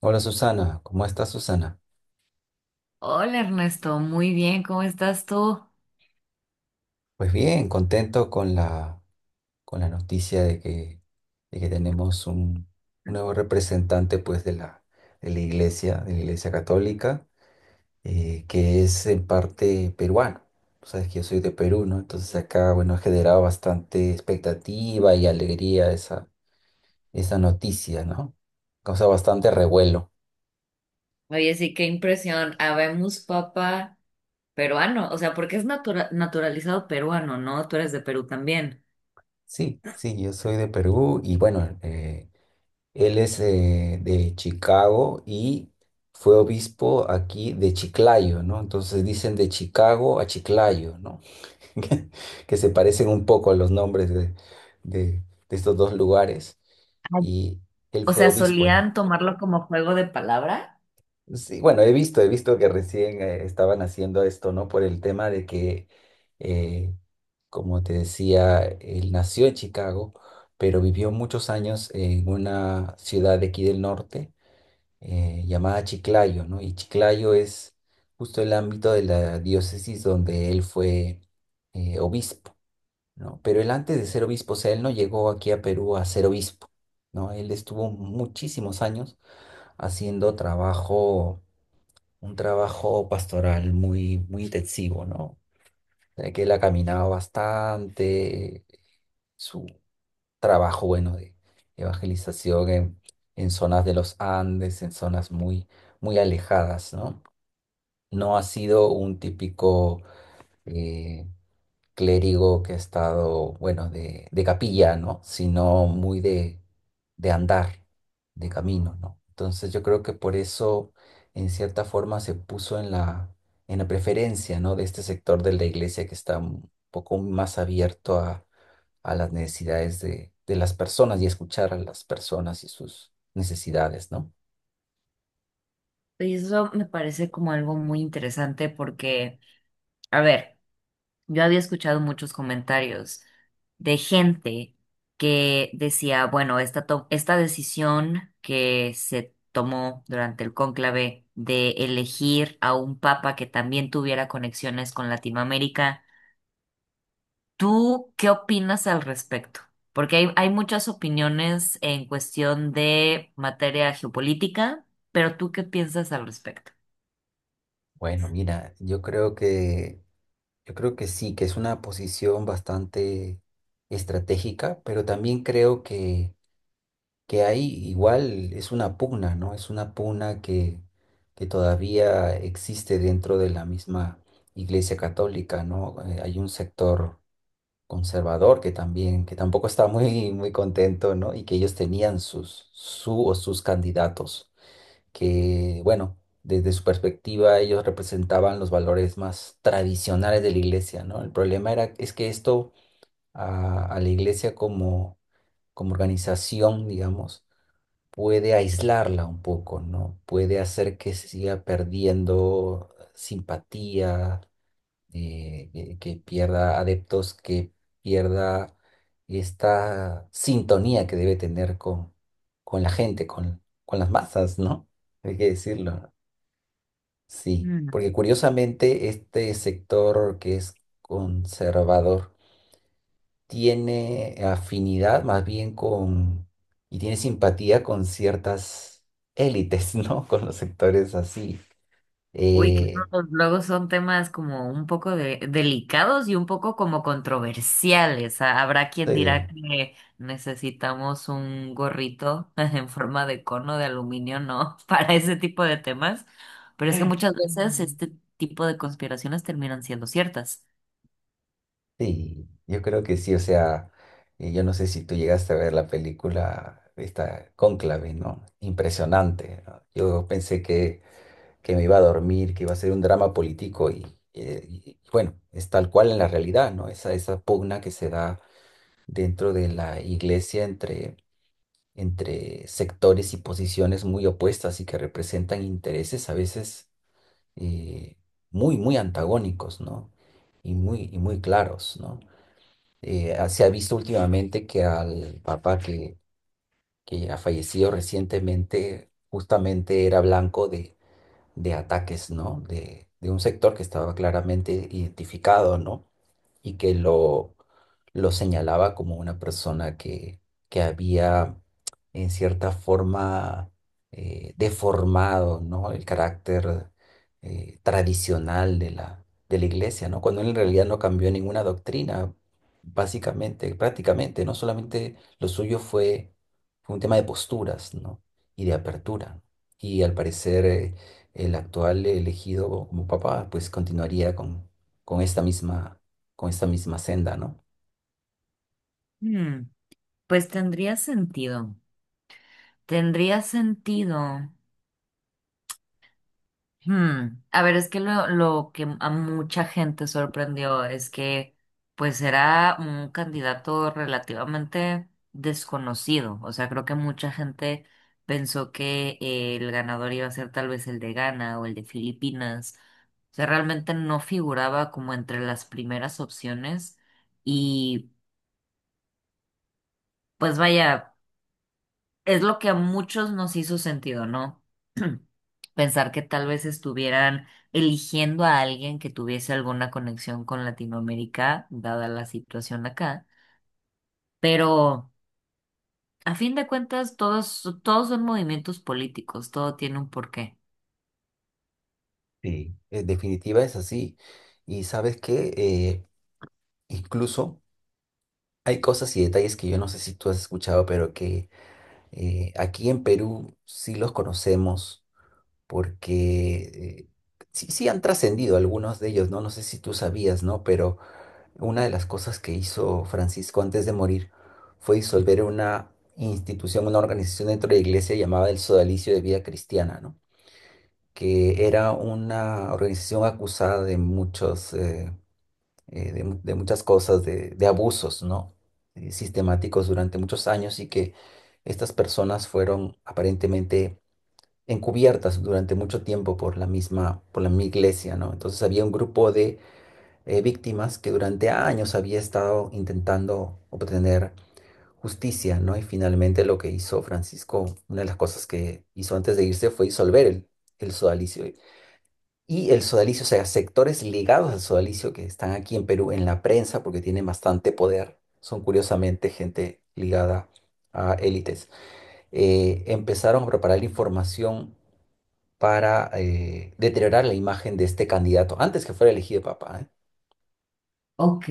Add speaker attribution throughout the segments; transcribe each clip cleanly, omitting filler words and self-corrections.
Speaker 1: Hola Susana, ¿cómo estás Susana?
Speaker 2: Hola Ernesto, muy bien, ¿cómo estás tú?
Speaker 1: Pues bien, contento con con la noticia de que tenemos un nuevo representante pues, de de la iglesia católica, que es en parte peruano. Tú sabes que yo soy de Perú, ¿no? Entonces acá, bueno, ha generado bastante expectativa y alegría esa noticia, ¿no? Causa bastante revuelo.
Speaker 2: Oye, sí, qué impresión. Habemos papa peruano, o sea, porque es naturalizado peruano, ¿no? Tú eres de Perú también.
Speaker 1: Sí, sí, yo soy de Perú y bueno, él es de Chicago y fue obispo aquí de Chiclayo, ¿no? Entonces dicen de Chicago a Chiclayo, ¿no? Que se parecen un poco a los nombres de- de estos dos lugares.
Speaker 2: Ay.
Speaker 1: Y él
Speaker 2: O
Speaker 1: fue
Speaker 2: sea,
Speaker 1: obispo ahí.
Speaker 2: solían tomarlo como juego de palabra.
Speaker 1: Sí, bueno, he visto que recién estaban haciendo esto, ¿no? Por el tema de que, eh, como te decía, él nació en Chicago, pero vivió muchos años en una ciudad de aquí del norte llamada Chiclayo, ¿no? Y Chiclayo es justo el ámbito de la diócesis donde él fue obispo, ¿no? Pero él antes de ser obispo, o sea, él no llegó aquí a Perú a ser obispo, ¿no? Él estuvo muchísimos años haciendo un trabajo pastoral muy, muy intensivo, ¿no? O sea, que él ha caminado bastante, su trabajo, bueno, de evangelización en zonas de los Andes, en zonas muy muy alejadas, ¿no? No ha sido un típico eh, clérigo que ha estado, bueno, de capilla, ¿no? Sino muy de andar, de camino, ¿no? Entonces yo creo que por eso, en cierta forma, se puso en en la preferencia, ¿no? De este sector de la iglesia que está un poco más abierto a las necesidades de las personas y escuchar a las personas y sus necesidades, ¿no?
Speaker 2: Y eso me parece como algo muy interesante porque, a ver. Yo había escuchado muchos comentarios de gente que decía, bueno, esta decisión que se tomó durante el cónclave de elegir a un papa que también tuviera conexiones con Latinoamérica, ¿tú qué opinas al respecto? Porque hay muchas opiniones en cuestión de materia geopolítica, pero ¿tú qué piensas al respecto?
Speaker 1: Bueno, mira, Yo creo que sí, que es una posición bastante estratégica, pero también creo que hay igual, es una pugna, ¿no? Es una pugna que todavía existe dentro de la misma Iglesia Católica, ¿no? Hay un sector conservador que también, que tampoco está muy, muy contento, ¿no? Y que ellos tenían sus, su o sus candidatos que, bueno, desde su perspectiva ellos representaban los valores más tradicionales de la iglesia, ¿no? El problema era, es que esto a la iglesia como, como organización, digamos, puede aislarla un poco, ¿no? Puede hacer que se siga perdiendo simpatía, que pierda adeptos, que pierda esta sintonía que debe tener con la gente, con las masas, ¿no? Hay que decirlo, ¿no? Sí, porque curiosamente este sector que es conservador tiene afinidad más bien con y tiene simpatía con ciertas élites, ¿no? Con los sectores así.
Speaker 2: Uy, que
Speaker 1: Eh,
Speaker 2: esos luego son temas como un poco delicados y un poco como controversiales. Ah, habrá quien dirá
Speaker 1: eh,
Speaker 2: que necesitamos un gorrito en forma de cono de aluminio, ¿no? Para ese tipo de temas. Pero es que muchas veces
Speaker 1: Mm.
Speaker 2: este tipo de conspiraciones terminan siendo ciertas.
Speaker 1: Sí, yo creo que sí, o sea, yo no sé si tú llegaste a ver la película, esta Cónclave, ¿no? Impresionante, ¿no? Yo pensé que me iba a dormir, que iba a ser un drama político y, bueno, es tal cual en la realidad, ¿no? Esa pugna que se da dentro de la iglesia entre, entre sectores y posiciones muy opuestas y que representan intereses a veces eh, muy, muy antagónicos, ¿no? Y muy claros, ¿no? Se ha visto últimamente que al papá que ha fallecido recientemente justamente era blanco de ataques, ¿no? De un sector que estaba claramente identificado, ¿no? Y que lo señalaba como una persona que había, en cierta forma, deformado, ¿no? El carácter tradicional de de la iglesia, ¿no? Cuando él en realidad no cambió ninguna doctrina, básicamente, prácticamente, ¿no? Solamente lo suyo fue un tema de posturas, ¿no? Y de apertura. Y al parecer el actual elegido como papa, pues continuaría con esta misma con esta misma senda, ¿no?
Speaker 2: Hmm, pues tendría sentido. Tendría sentido. Hmm, a ver, es que lo que a mucha gente sorprendió es que pues era un candidato relativamente desconocido. O sea, creo que mucha gente pensó que el ganador iba a ser tal vez el de Ghana o el de Filipinas. O sea, realmente no figuraba como entre las primeras opciones. Y pues vaya, es lo que a muchos nos hizo sentido, ¿no? Pensar que tal vez estuvieran eligiendo a alguien que tuviese alguna conexión con Latinoamérica, dada la situación acá. Pero a fin de cuentas, todos son movimientos políticos, todo tiene un porqué.
Speaker 1: Sí, en definitiva es así. Y sabes que incluso hay cosas y detalles que yo no sé si tú has escuchado, pero que aquí en Perú sí los conocemos porque sí, sí han trascendido algunos de ellos, ¿no? No sé si tú sabías, ¿no? Pero una de las cosas que hizo Francisco antes de morir fue disolver una institución, una organización dentro de la iglesia llamada el Sodalicio de Vida Cristiana, ¿no? Que era una organización acusada de de muchas cosas, de abusos, ¿no? Sistemáticos durante muchos años y que estas personas fueron aparentemente encubiertas durante mucho tiempo por la misma iglesia, ¿no? Entonces había un grupo de víctimas que durante años había estado intentando obtener justicia, ¿no? Y finalmente lo que hizo Francisco, una de las cosas que hizo antes de irse fue disolver el sodalicio y el sodalicio, o sea, sectores ligados al sodalicio que están aquí en Perú en la prensa porque tienen bastante poder, son curiosamente gente ligada a élites, empezaron a preparar la información para deteriorar la imagen de este candidato antes que fuera elegido papa, ¿eh?
Speaker 2: Ok,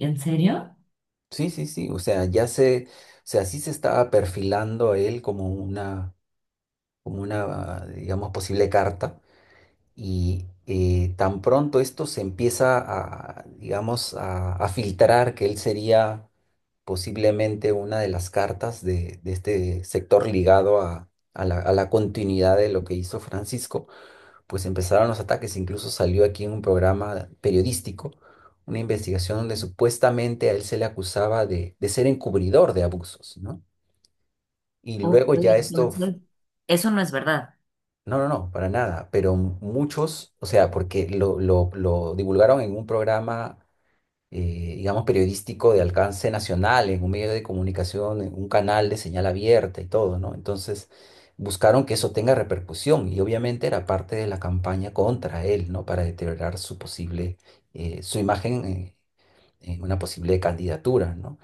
Speaker 2: ¿en serio?
Speaker 1: Sí, sí, sí, o sea, ya se, o sea, sí se estaba perfilando a él como como una, digamos, posible carta. Y tan pronto esto se empieza a, digamos, a filtrar que él sería posiblemente una de las cartas de este sector ligado a la continuidad de lo que hizo Francisco, pues empezaron los ataques. Incluso salió aquí en un programa periodístico una investigación donde supuestamente a él se le acusaba de ser encubridor de abusos, ¿no? Y
Speaker 2: Ok,
Speaker 1: luego ya esto
Speaker 2: entonces, eso no es verdad.
Speaker 1: no, no, no, para nada, pero muchos, o sea, porque lo divulgaron en un programa, digamos, periodístico de alcance nacional, en un medio de comunicación, en un canal de señal abierta y todo, ¿no? Entonces, buscaron que eso tenga repercusión y obviamente era parte de la campaña contra él, ¿no? Para deteriorar su posible su imagen, en una posible candidatura, ¿no?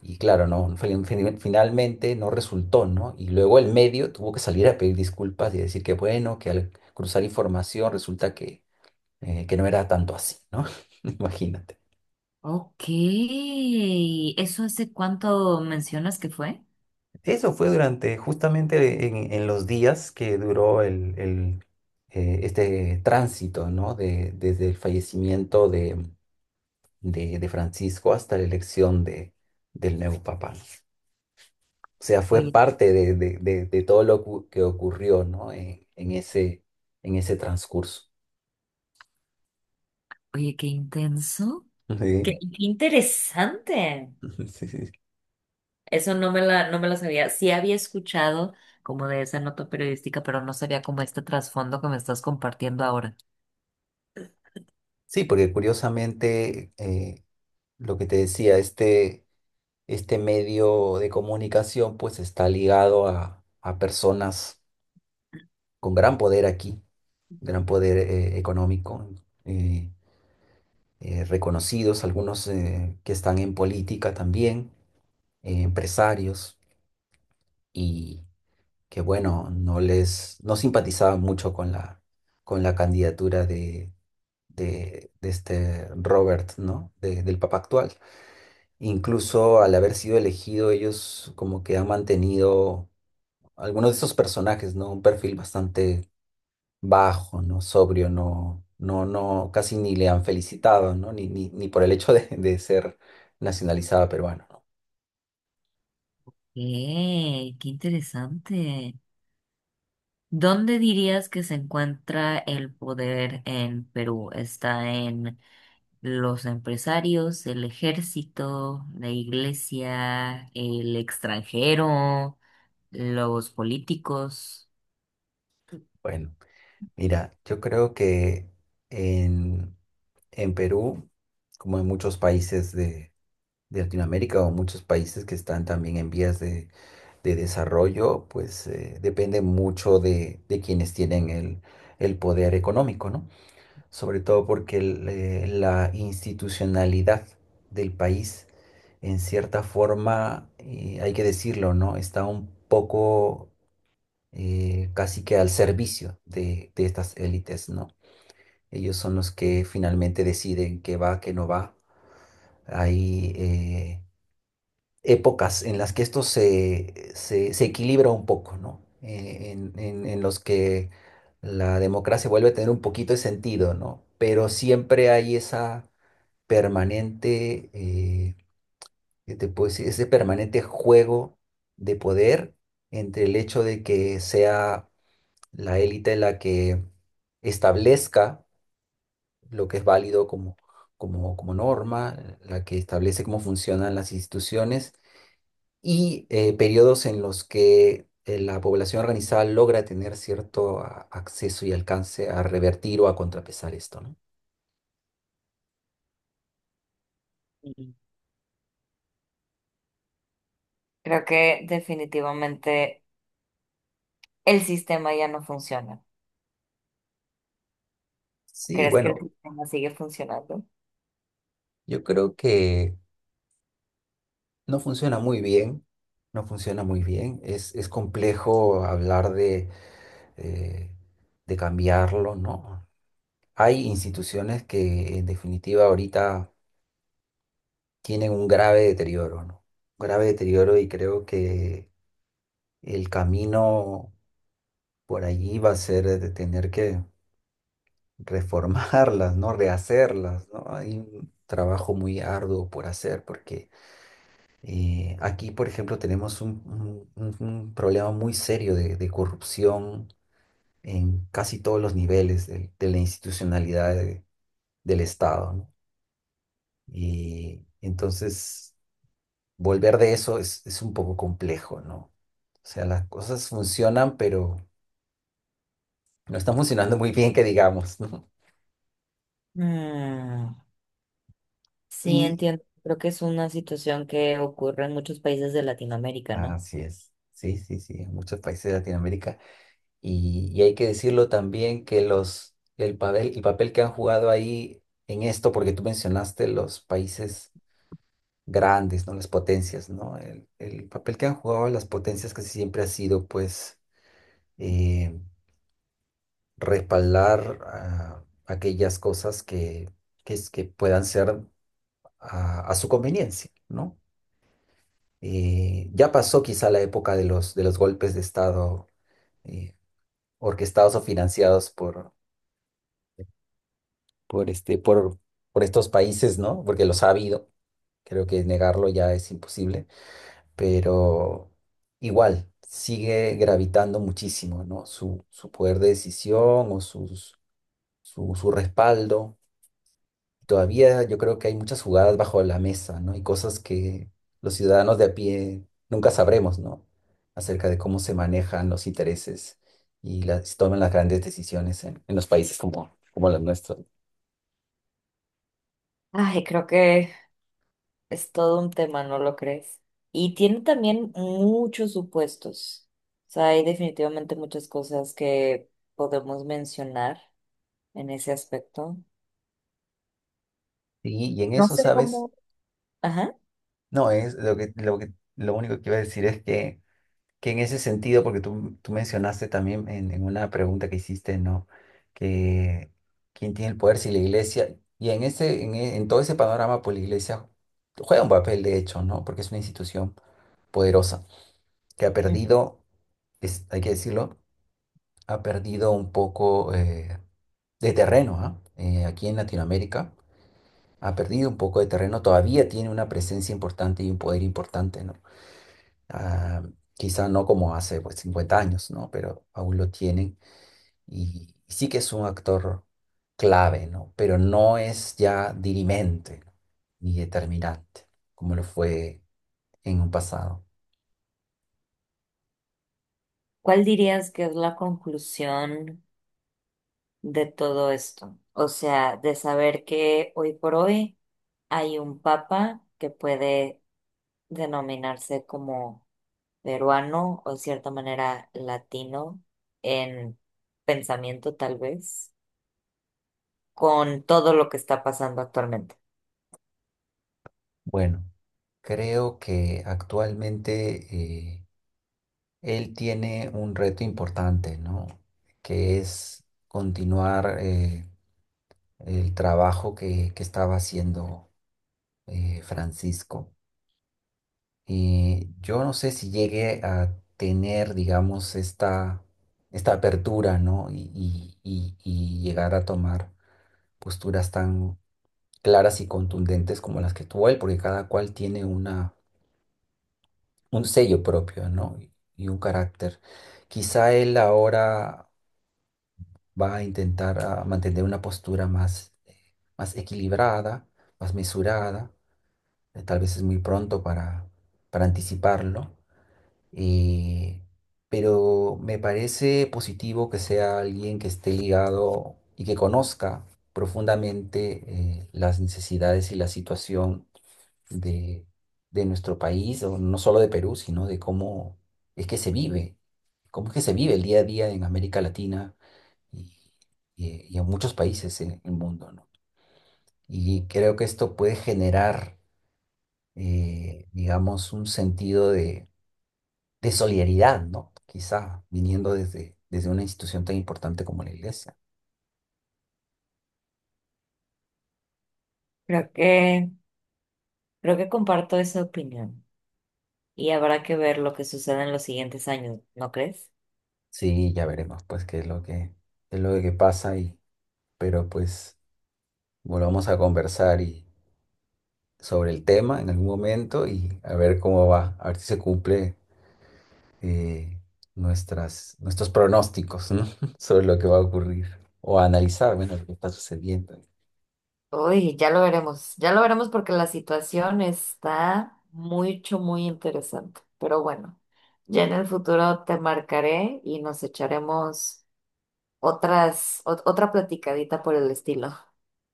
Speaker 1: Y claro, no, finalmente no resultó, ¿no? Y luego el medio tuvo que salir a pedir disculpas y decir que bueno, que al cruzar información resulta que, que no era tanto así, ¿no? Imagínate.
Speaker 2: Ok, ¿eso hace cuánto mencionas que fue?
Speaker 1: Eso fue durante, justamente en los días que duró este tránsito, ¿no? De, desde el fallecimiento de Francisco hasta la elección del nuevo papa. O sea, fue
Speaker 2: Oye,
Speaker 1: parte de todo lo cu- que ocurrió, ¿no? En ese, en ese transcurso.
Speaker 2: oye, qué intenso. Qué
Speaker 1: Sí,
Speaker 2: interesante.
Speaker 1: sí, sí.
Speaker 2: Eso no me la, no me lo sabía. Sí había escuchado como de esa nota periodística, pero no sabía como este trasfondo que me estás compartiendo ahora.
Speaker 1: Sí, porque curiosamente, lo que te decía, este medio de comunicación pues está ligado a personas con gran poder aquí, gran poder económico, eh, reconocidos, algunos que están en política también, empresarios. Que bueno, no simpatizaban mucho con con la candidatura de este Robert, ¿no? De- del Papa actual. Incluso al haber sido elegido, ellos como que han mantenido algunos de esos personajes, ¿no? Un perfil bastante bajo, ¿no? Sobrio, no, no, no, casi ni le han felicitado, ¿no? Ni, ni, ni por el hecho de ser nacionalizada peruana, ¿no?
Speaker 2: ¡Eh! ¡Qué interesante! ¿Dónde dirías que se encuentra el poder en Perú? ¿Está en los empresarios, el ejército, la iglesia, el extranjero, los políticos?
Speaker 1: Bueno, mira, yo creo que en, en Perú, como en muchos países de Latinoamérica o muchos países que están también en vías de desarrollo, pues depende mucho de quienes tienen el poder económico, ¿no? Sobre todo porque la institucionalidad del país, en cierta forma, hay que decirlo, ¿no? Está un poco casi que al servicio de estas élites, ¿no? Ellos son los que finalmente deciden qué va, qué no va. Hay épocas en las que esto se equilibra un poco, ¿no? En los que la democracia vuelve a tener un poquito de sentido, ¿no? Pero siempre hay esa permanente, ¿qué te puedo decir? Ese permanente juego de poder entre el hecho de que sea la élite la que establezca lo que es válido como, como, como norma, la que establece cómo funcionan las instituciones y periodos en los que la población organizada logra tener cierto acceso y alcance a revertir o a contrapesar esto, ¿no?
Speaker 2: Mm. Creo que definitivamente. El sistema ya no funciona.
Speaker 1: Sí,
Speaker 2: ¿Crees que el
Speaker 1: bueno,
Speaker 2: sistema sigue funcionando?
Speaker 1: yo creo que no funciona muy bien, no funciona muy bien, es complejo hablar eh, de cambiarlo, ¿no? Hay instituciones que en definitiva ahorita tienen un grave deterioro, ¿no? Grave deterioro y creo que el camino por allí va a ser de tener que reformarlas, ¿no? Rehacerlas, ¿no? Hay un trabajo muy arduo por hacer porque aquí, por ejemplo, tenemos un problema muy serio de corrupción en casi todos los niveles de la institucionalidad del Estado, ¿no? Y entonces volver de eso es un poco complejo, ¿no? O sea, las cosas funcionan, pero no están funcionando muy bien, que digamos, ¿no?
Speaker 2: Mm, sí,
Speaker 1: Y
Speaker 2: entiendo. Creo que es una situación que ocurre en muchos países de Latinoamérica, ¿no?
Speaker 1: así es. Sí, sí, sí, en muchos países de Latinoamérica. Y hay que decirlo también que el papel que han jugado ahí en esto, porque tú mencionaste los países grandes, ¿no? Las potencias, ¿no? El papel que han jugado las potencias casi siempre ha sido, pues, eh, respaldar aquellas cosas que puedan ser a su conveniencia, ¿no? Ya pasó quizá la época de los golpes de Estado, eh, orquestados o financiados por, este, por, por estos países, ¿no? Porque los ha habido, creo que negarlo ya es imposible, pero igual sigue gravitando muchísimo, ¿no? Su poder de decisión o su respaldo. Todavía yo creo que hay muchas jugadas bajo la mesa, ¿no? Y cosas que los ciudadanos de a pie nunca sabremos, ¿no? Acerca de cómo se manejan los intereses y se toman las grandes decisiones en los países como los nuestros.
Speaker 2: Ay, creo que es todo un tema, ¿no lo crees? Y tiene también muchos supuestos. O sea, hay definitivamente muchas cosas que podemos mencionar en ese aspecto.
Speaker 1: Y en
Speaker 2: No
Speaker 1: eso,
Speaker 2: sé
Speaker 1: ¿sabes?
Speaker 2: cómo, ajá.
Speaker 1: No, es lo único que iba a decir es que en ese sentido, porque tú mencionaste también en una pregunta que hiciste, ¿no? Que quién tiene el poder, si la iglesia, y en todo ese panorama, pues la iglesia juega un papel, de hecho, ¿no? Porque es una institución poderosa que ha
Speaker 2: Ujú.
Speaker 1: perdido, hay que decirlo, ha perdido un poco de terreno, ¿ah? Aquí en Latinoamérica, ha perdido un poco de terreno, todavía tiene una presencia importante y un poder importante, ¿no? Ah, quizá no como hace pues, 50 años, ¿no? Pero aún lo tienen y sí que es un actor clave, ¿no? Pero no es ya dirimente, ¿no?, ni determinante como lo fue en un pasado.
Speaker 2: ¿Cuál dirías que es la conclusión de todo esto? O sea, de saber que hoy por hoy hay un papa que puede denominarse como peruano o de cierta manera latino en pensamiento tal vez, con todo lo que está pasando actualmente.
Speaker 1: Bueno, creo que actualmente él tiene un reto importante, ¿no? Que es continuar, el trabajo que estaba haciendo, Francisco. Yo no sé si llegué a tener, digamos, esta apertura, ¿no? Y llegar a tomar posturas tan claras y contundentes como las que tuvo él, porque cada cual tiene un sello propio, ¿no? Y un carácter. Quizá él ahora va a intentar mantener una postura más equilibrada, más mesurada. Tal vez es muy pronto para anticiparlo. Y- pero me parece positivo que sea alguien que esté ligado y que conozca profundamente, las necesidades y la situación de, de nuestro país, o no solo de Perú, sino de cómo es que se vive, cómo es que se vive el día a día en América Latina y, y en muchos países en el mundo, ¿no? Y creo que esto puede generar, digamos, un sentido de solidaridad, ¿no? Quizá viniendo desde una institución tan importante como la iglesia.
Speaker 2: Creo que, Creo que comparto esa opinión y habrá que ver lo que sucede en los siguientes años, ¿no crees?
Speaker 1: Sí, ya veremos pues qué es lo que pasa y pero pues volvamos a conversar y sobre el tema en algún momento y a ver cómo va, a ver si se cumple, eh, nuestros pronósticos, ¿no? sobre lo que va a ocurrir o a analizar, bueno, lo que está sucediendo.
Speaker 2: Uy, ya lo veremos porque la situación está muy interesante. Pero bueno, ya en el futuro te marcaré y nos echaremos otra platicadita por el estilo.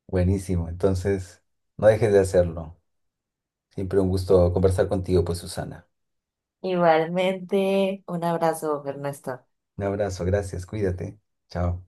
Speaker 1: Buenísimo, entonces no dejes de hacerlo. Siempre un gusto conversar contigo, pues Susana.
Speaker 2: Igualmente, un abrazo, Ernesto.
Speaker 1: Un abrazo, gracias, cuídate. Chao.